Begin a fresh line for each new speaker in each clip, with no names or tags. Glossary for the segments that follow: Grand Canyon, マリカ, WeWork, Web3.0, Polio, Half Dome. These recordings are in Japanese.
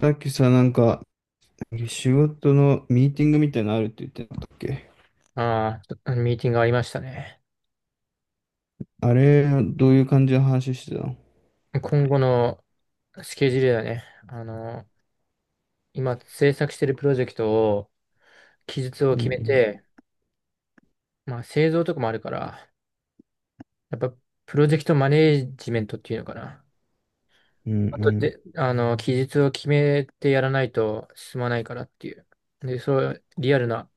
さっきさ、なんか、仕事のミーティングみたいなのあるって言ってなかったっけ。
ああ、ちょっとミーティングありましたね。
あれ、どういう感じの話してたの？
今後のスケジュールだね。今制作してるプロジェクトを、期日を
う
決め
ん
て、まあ製造とかもあるから、やっぱプロジェクトマネージメントっていうのかな。
うん。うん
あと
うん。
で、期日を決めてやらないと進まないからっていう。で、そう、リアルな、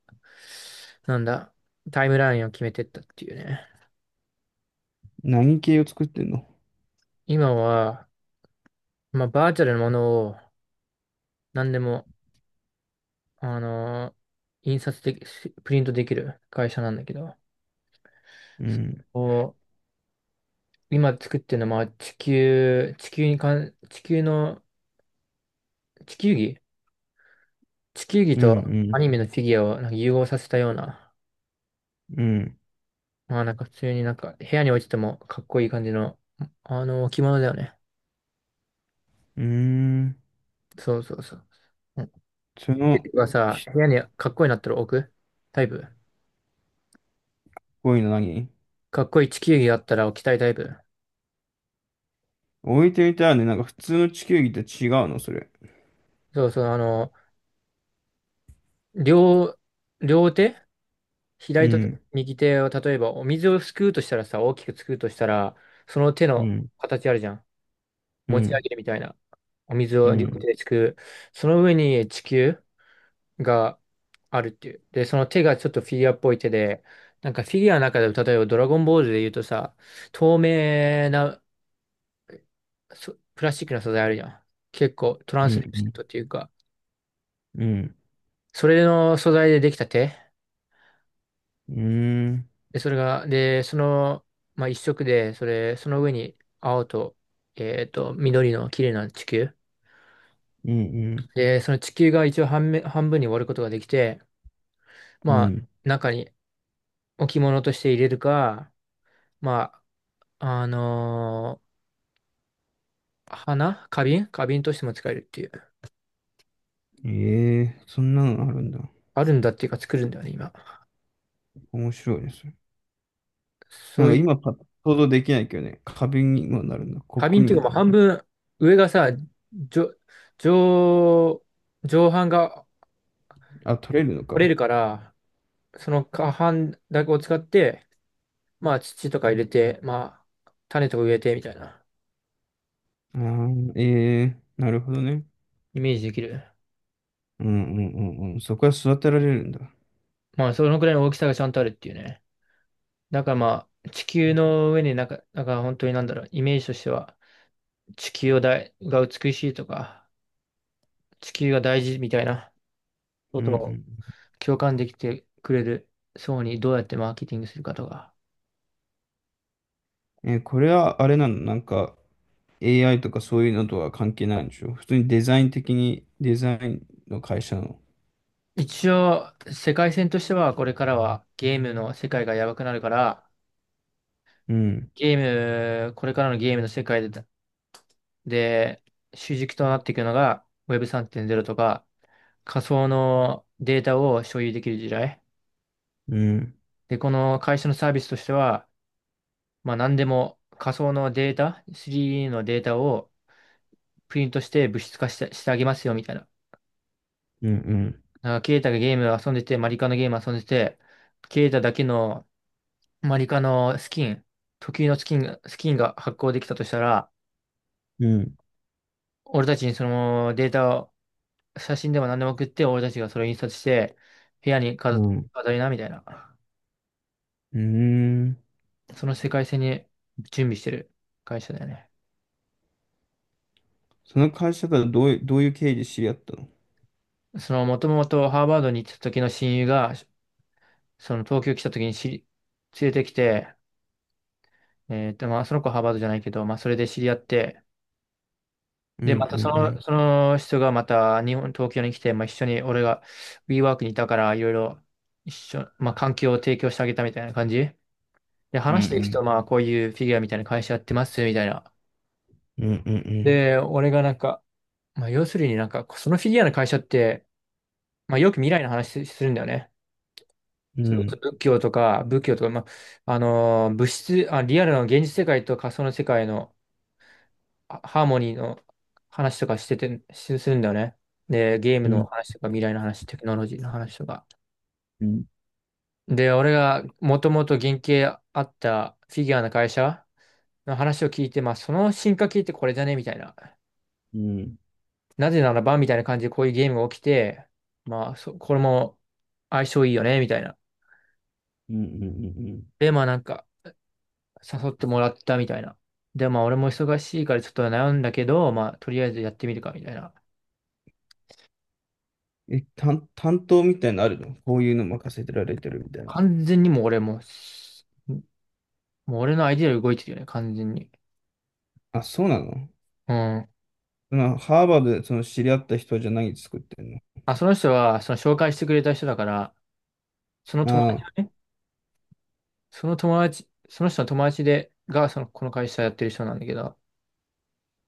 なんだ、タイムラインを決めてったっていうね。
何系を作ってんの？
今は、まあバーチャルなものを何でもあのー印刷でき、しプリントできる会社なんだけど、
うん
こう、今作ってるのは、まあ地球、地球にかん、地球の、地球儀地球儀
う
とア
ん
ニメのフィギュアをなんか融合させたような、
うん。うん。
まあなんか普通になんか部屋に置いててもかっこいい感じの、置物だよね。
うーん。
そうそうそう。うん。ケ
その、
イトがさ、
し
部
っ
屋にかっこいいなったら置くタイプ。
こいの何。
かっこいい地球儀があったら置きたいタイプ。
置いてみたらね、なんか普通の地球儀と違うの、それ。
そうそう、両、両手、
う
左と
ん。
右手を例えばお水をすくうとしたらさ、大きくすくうとしたら、その手
う
の
ん。
形あるじゃん。
う
持ち上
ん。
げるみたいな。お水
う
を両手
ん。
ですくう。その上に地球があるっていう。で、その手がちょっとフィギュアっぽい手で、なんかフィギュアの中でも例えばドラゴンボールで言うとさ、透明なプラスチックの素材あるじゃん。結構トラン
う
スレス
ん。
トっていうか、
うん。うん。
それの素材でできた手。
うん。
で、それが、で、その、まあ、一色で、それ、その上に青と、緑の綺麗な地球。
うん。
で、その地球が一応半面、半分に割ることができて、
う
まあ、
ん。
中に置物として入れるか、まあ、花瓶としても使えるっていう。
ええー、そんなのあるんだ。
あるんだっていうか作るんだよね、今。
面白いです。な
そ
ん
う
か
いう、
今パッと想像できないけどね、カビにもなるんだ、コッ
花
プ
瓶っ
に
てい
も
うか
な
もう
るんだ。
半分、上がさ、上、上、上半が
あ、取れるの
折れ
か。
るから、その下半だけを使って、まあ土とか入れて、まあ種とか植えてみたいな
ああ、ええー、なるほどね。
イメージできる。
うんうんうん。うん、そこは育てられるんだ。
まあそのくらいの大きさがちゃんとあるっていうね。だからまあ地球の上になんか、なんか本当になんだろう、イメージとしては地球をだいが美しいとか、地球が大事みたいなこ
う
と
ん
を
う
共感できてくれる層にどうやってマーケティングするかとか。
ん。えー、これはあれなの？なんか AI とかそういうのとは関係ないんでしょ？普通にデザイン的に、デザインの会社の。
一応世界線としてはこれからはゲームの世界がやばくなるから、
うん
ゲーム、これからのゲームの世界で、主軸となっていくのが Web3.0 とか仮想のデータを所有できる時代。
うん
で、この会社のサービスとしては、まあ何でも仮想のデータ、3D のデータをプリントして物質化してあげますよみたいな。
うん
なんかケイタがゲーム遊んでて、マリカのゲーム遊んでて、ケイタだけのマリカのスキン、特有のスキンが発行できたとしたら、
うんうん
俺たちにそのデータを、写真でも何でも送って、俺たちがそれを印刷して、部屋に
うんうん
飾りな、みたいな。
うんうん。
その世界線に準備してる会社だよね。
その会社から、どういう経緯で知り合ったの？
その、もともとハーバードに行った時の親友が、その東京来た時に連れてきて、まあ、その子はハーバードじゃないけど、まあ、それで知り合って、
う
で、ま
ん
た
うんうん
その人がまた日本、東京に来て、まあ、一緒に俺が WeWork にいたから、いろいろまあ、環境を提供してあげたみたいな感じ。で、
う
話していく人、
ん
まあ、こういうフィギュアみたいな会社やってます、みたいな。
うんうんうん
で、俺がなんか、まあ、要するになんか、そのフィギュアの会社って、まあ、よく未来の話するんだよね。
うんうん
そ
う
れこそ
ん
仏教とか、まあ、物質、あ、リアルの現実世界と仮想の世界のハーモニーの話とかしてて、するんだよね。で、ゲーム
う
の
ん
話とか、未来の話、テクノロジーの話とか。
うん、
で、俺がもともと原型あったフィギュアの会社の話を聞いて、まあ、その進化系ってこれじゃねみたいな。
うん、
なぜならばみたいな感じでこういうゲームが起きて、まあ、これも相性いいよね、みたいな。
うん、うん、うんうん。
で、まあなんか、誘ってもらったみたいな。で、まあ俺も忙しいからちょっと悩んだけど、まあとりあえずやってみるか、みたいな。
え、担当みたいなのあるの？こういうの任せてられてるみたいな。
完全にもう俺のアイデアより動いてるよね、完全に。
あ、そうなの？
うん。
そのハーバードでその知り合った人じゃ何作ってんの？
あ、その人は、その紹介してくれた人だから、その
あ
友達
あ、
がね、その友達、その人の友達で、が、その、この会社やってる人なんだけど、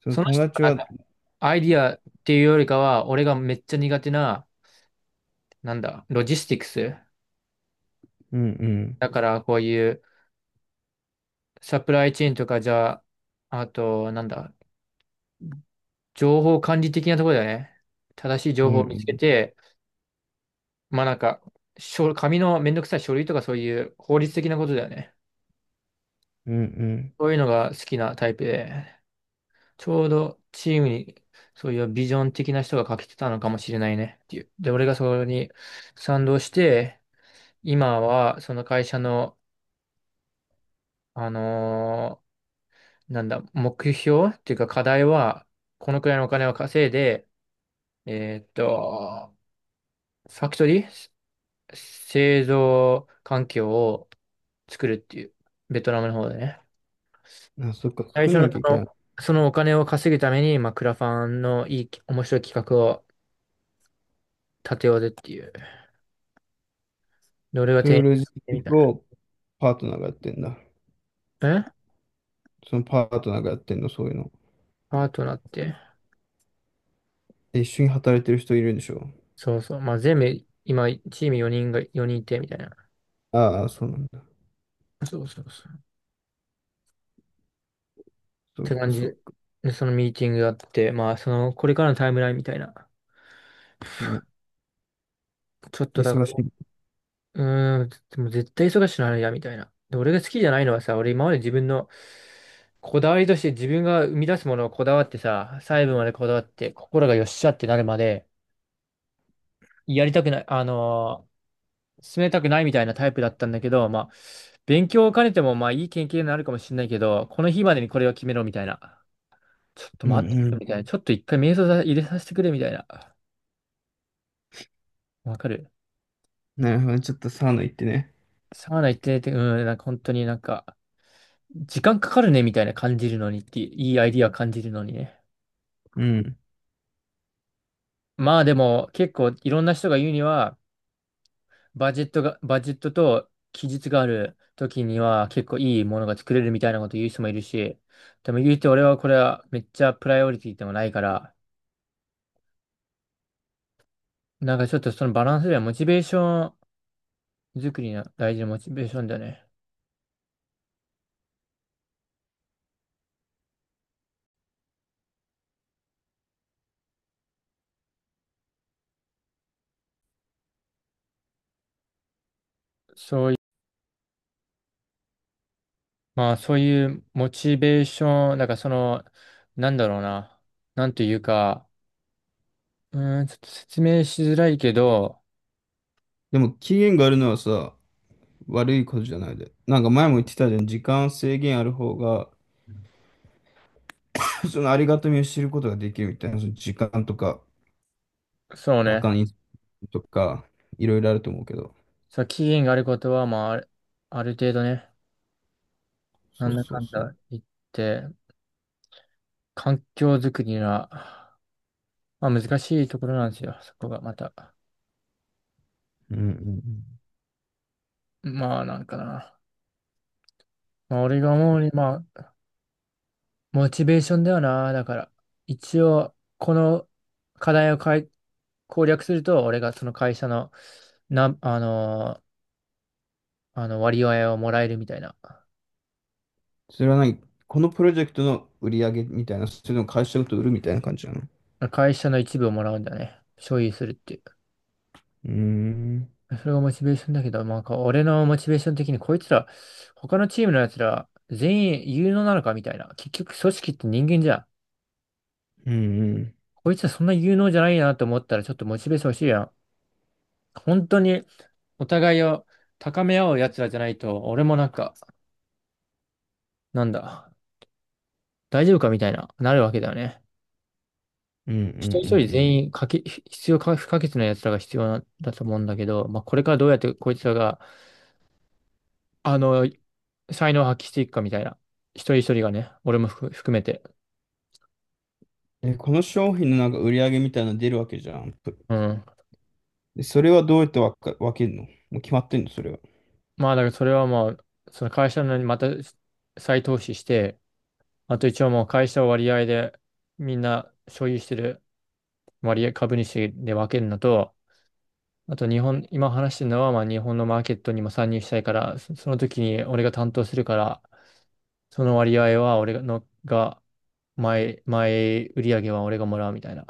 その
その
友
人
達
がなん
は、
か、アイディアっていうよりかは、俺がめっちゃ苦手な、なんだ、ロジスティクス。
うんうん、
だからこういうサプライチェーンとかじゃあ、あと、なんだ、情報管理的なところだよね。正しい
う
情
ん
報
う
を見つけ
ん、
て、まあなんか、書紙のめんどくさい書類とかそういう法律的なことだよね。
うん
そういうのが好きなタイプで、ちょうどチームにそういうビジョン的な人が欠けてたのかもしれないねっていう。で、俺がそれに賛同して、今はその会社の、あのなんだ、目標っていうか課題は、このくらいのお金を稼いで、えーっと、ファクトリー製造環境を作るっていう、ベトナムの方でね。
うん。あ、そっか、
最
作
初
ん
の
なきゃいけない。
そのお金を稼ぐために、まあ、クラファンのいい、面白い企画を立てようぜっていう。で、俺が
そう
提
い
案
うロジ
してみ
ッ
た
ク
い
をパートナーがやってんだ。
な。
そのパートナーがやってんの、そういうの？
パートナーって。
え、一緒に働いてる人いるんでしょ？
そうそう。まあ、全部、今、チーム4人いて、みたいな。
ああ、そうなんだ。
そうそうそう。
そ
て
っか
感じ
そっか。
で、そのミーティングがあって、まあ、その、これからのタイムラインみたいな。
うん。
ちょっとだか
忙し
ら、
い。
うーん、でも絶対忙しくなるや、みたいな。で、俺が好きじゃないのはさ、俺今まで自分のこだわりとして自分が生み出すものをこだわってさ、細部までこだわって、心がよっしゃってなるまで、やりたくない、進めたくないみたいなタイプだったんだけど、まあ、勉強を兼ねても、まあ、いい経験になるかもしれないけど、この日までにこれを決めろ、みたいな。ちょっと
うんう
待って、
ん。
みたいな。ちょっと一回瞑想さ入れさせてくれ、みたいな。わかる。
なるほど、ちょっとサウナ行ってね。
サウナ行ってて、うん、なんか本当になんか、時間かかるねみたいな感じるのにって、いいアイディア感じるのにね。
うん。
まあでも結構いろんな人が言うには、バジェットと期日がある時には結構いいものが作れるみたいなこと言う人もいるし、でも言うて俺はこれはめっちゃプライオリティでもないから、なんかちょっとそのバランスではモチベーション作りの大事なモチベーションだよね。まあそういうモチベーション、なんかその、なんだろうな、なんというか、うーん、ちょっと説明しづらいけど、
でも期限があるのはさ、悪いことじゃないで。なんか前も言ってたじゃん、時間制限ある方が、そのありがたみを知ることができるみたいな、その時間とか、
そう
バ
ね。
カにとか、いろいろあると思うけど。
そう、期限があることは、まあ、ある程度ね、な
そ
ん
う
だ
そ
か
う
ん
そう。
だ言って、環境づくりは、まあ難しいところなんですよ、そこがまた。
うんうんうん。
まあ、なんかな。まあ、俺が思うに、まあ、モチベーションだよな。だから、一応、この課題を攻略すると、俺がその会社の、な、あのー、あの割合をもらえるみたいな。
それは何？このプロジェクトの売り上げみたいな、それでも会社ごと売るみたいな感じなの？
会社の一部をもらうんだよね。所有するっていう。
うーん。
それがモチベーションだけど、まあ、俺のモチベーション的にこいつら、他のチームのやつら、全員有能なのかみたいな。結局、組織って人間じゃん。
うんうん。
こいつらそんな有能じゃないなと思ったら、ちょっとモチベーション欲しいやん。本当に、お互いを高め合うやつらじゃないと、俺もなんか、なんだ、大丈夫かみたいな、なるわけだよね。
うんうん
一人一人
う
全
ん
員必要か不可欠なやつらが必要なだと思うんだけど、まあ、これからどうやってこいつらが、あの、才能を発揮していくかみたいな。一人一人がね、俺も含めて。
うん。え、この商品のなんか売り上げみたいなの出るわけじゃん。
うん。
でそれはどうやって分けるの？もう決まってんのそれは？
まあ、だからそれはまあ、その会社のにまた再投資して、あと一応もう会社を割合でみんな所有してる割合株主で分けるのと、あと日本、今話してるのはまあ日本のマーケットにも参入したいから、その時に俺が担当するから、その割合は俺のが、前売り上げは俺がもらうみたいな。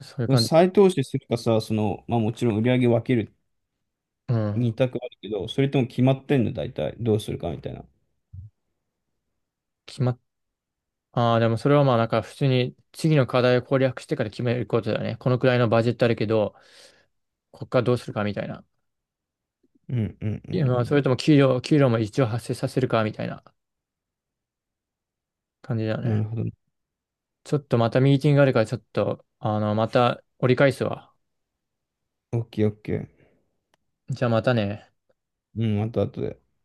そういう感じで。
再投資するかさ、その、まあもちろん売り上げ分ける
うん。
た択あるけど、それとも決まってんの、大体。どうするかみたいな。
決まっ、ああ、でもそれはまあなんか普通に次の課題を攻略してから決めることだよね。このくらいのバジェットあるけど、こっからどうするかみたいな。
うんうんう
いやまあ、それ
ん
とも給料も一応発生させるかみたいな感じだよ
うん。な
ね。
るほど。
ちょっとまたミーティングがあるから、ちょっと、また折り返すわ。
オッケーオッケー。
じゃあまたね。
うん、また後で。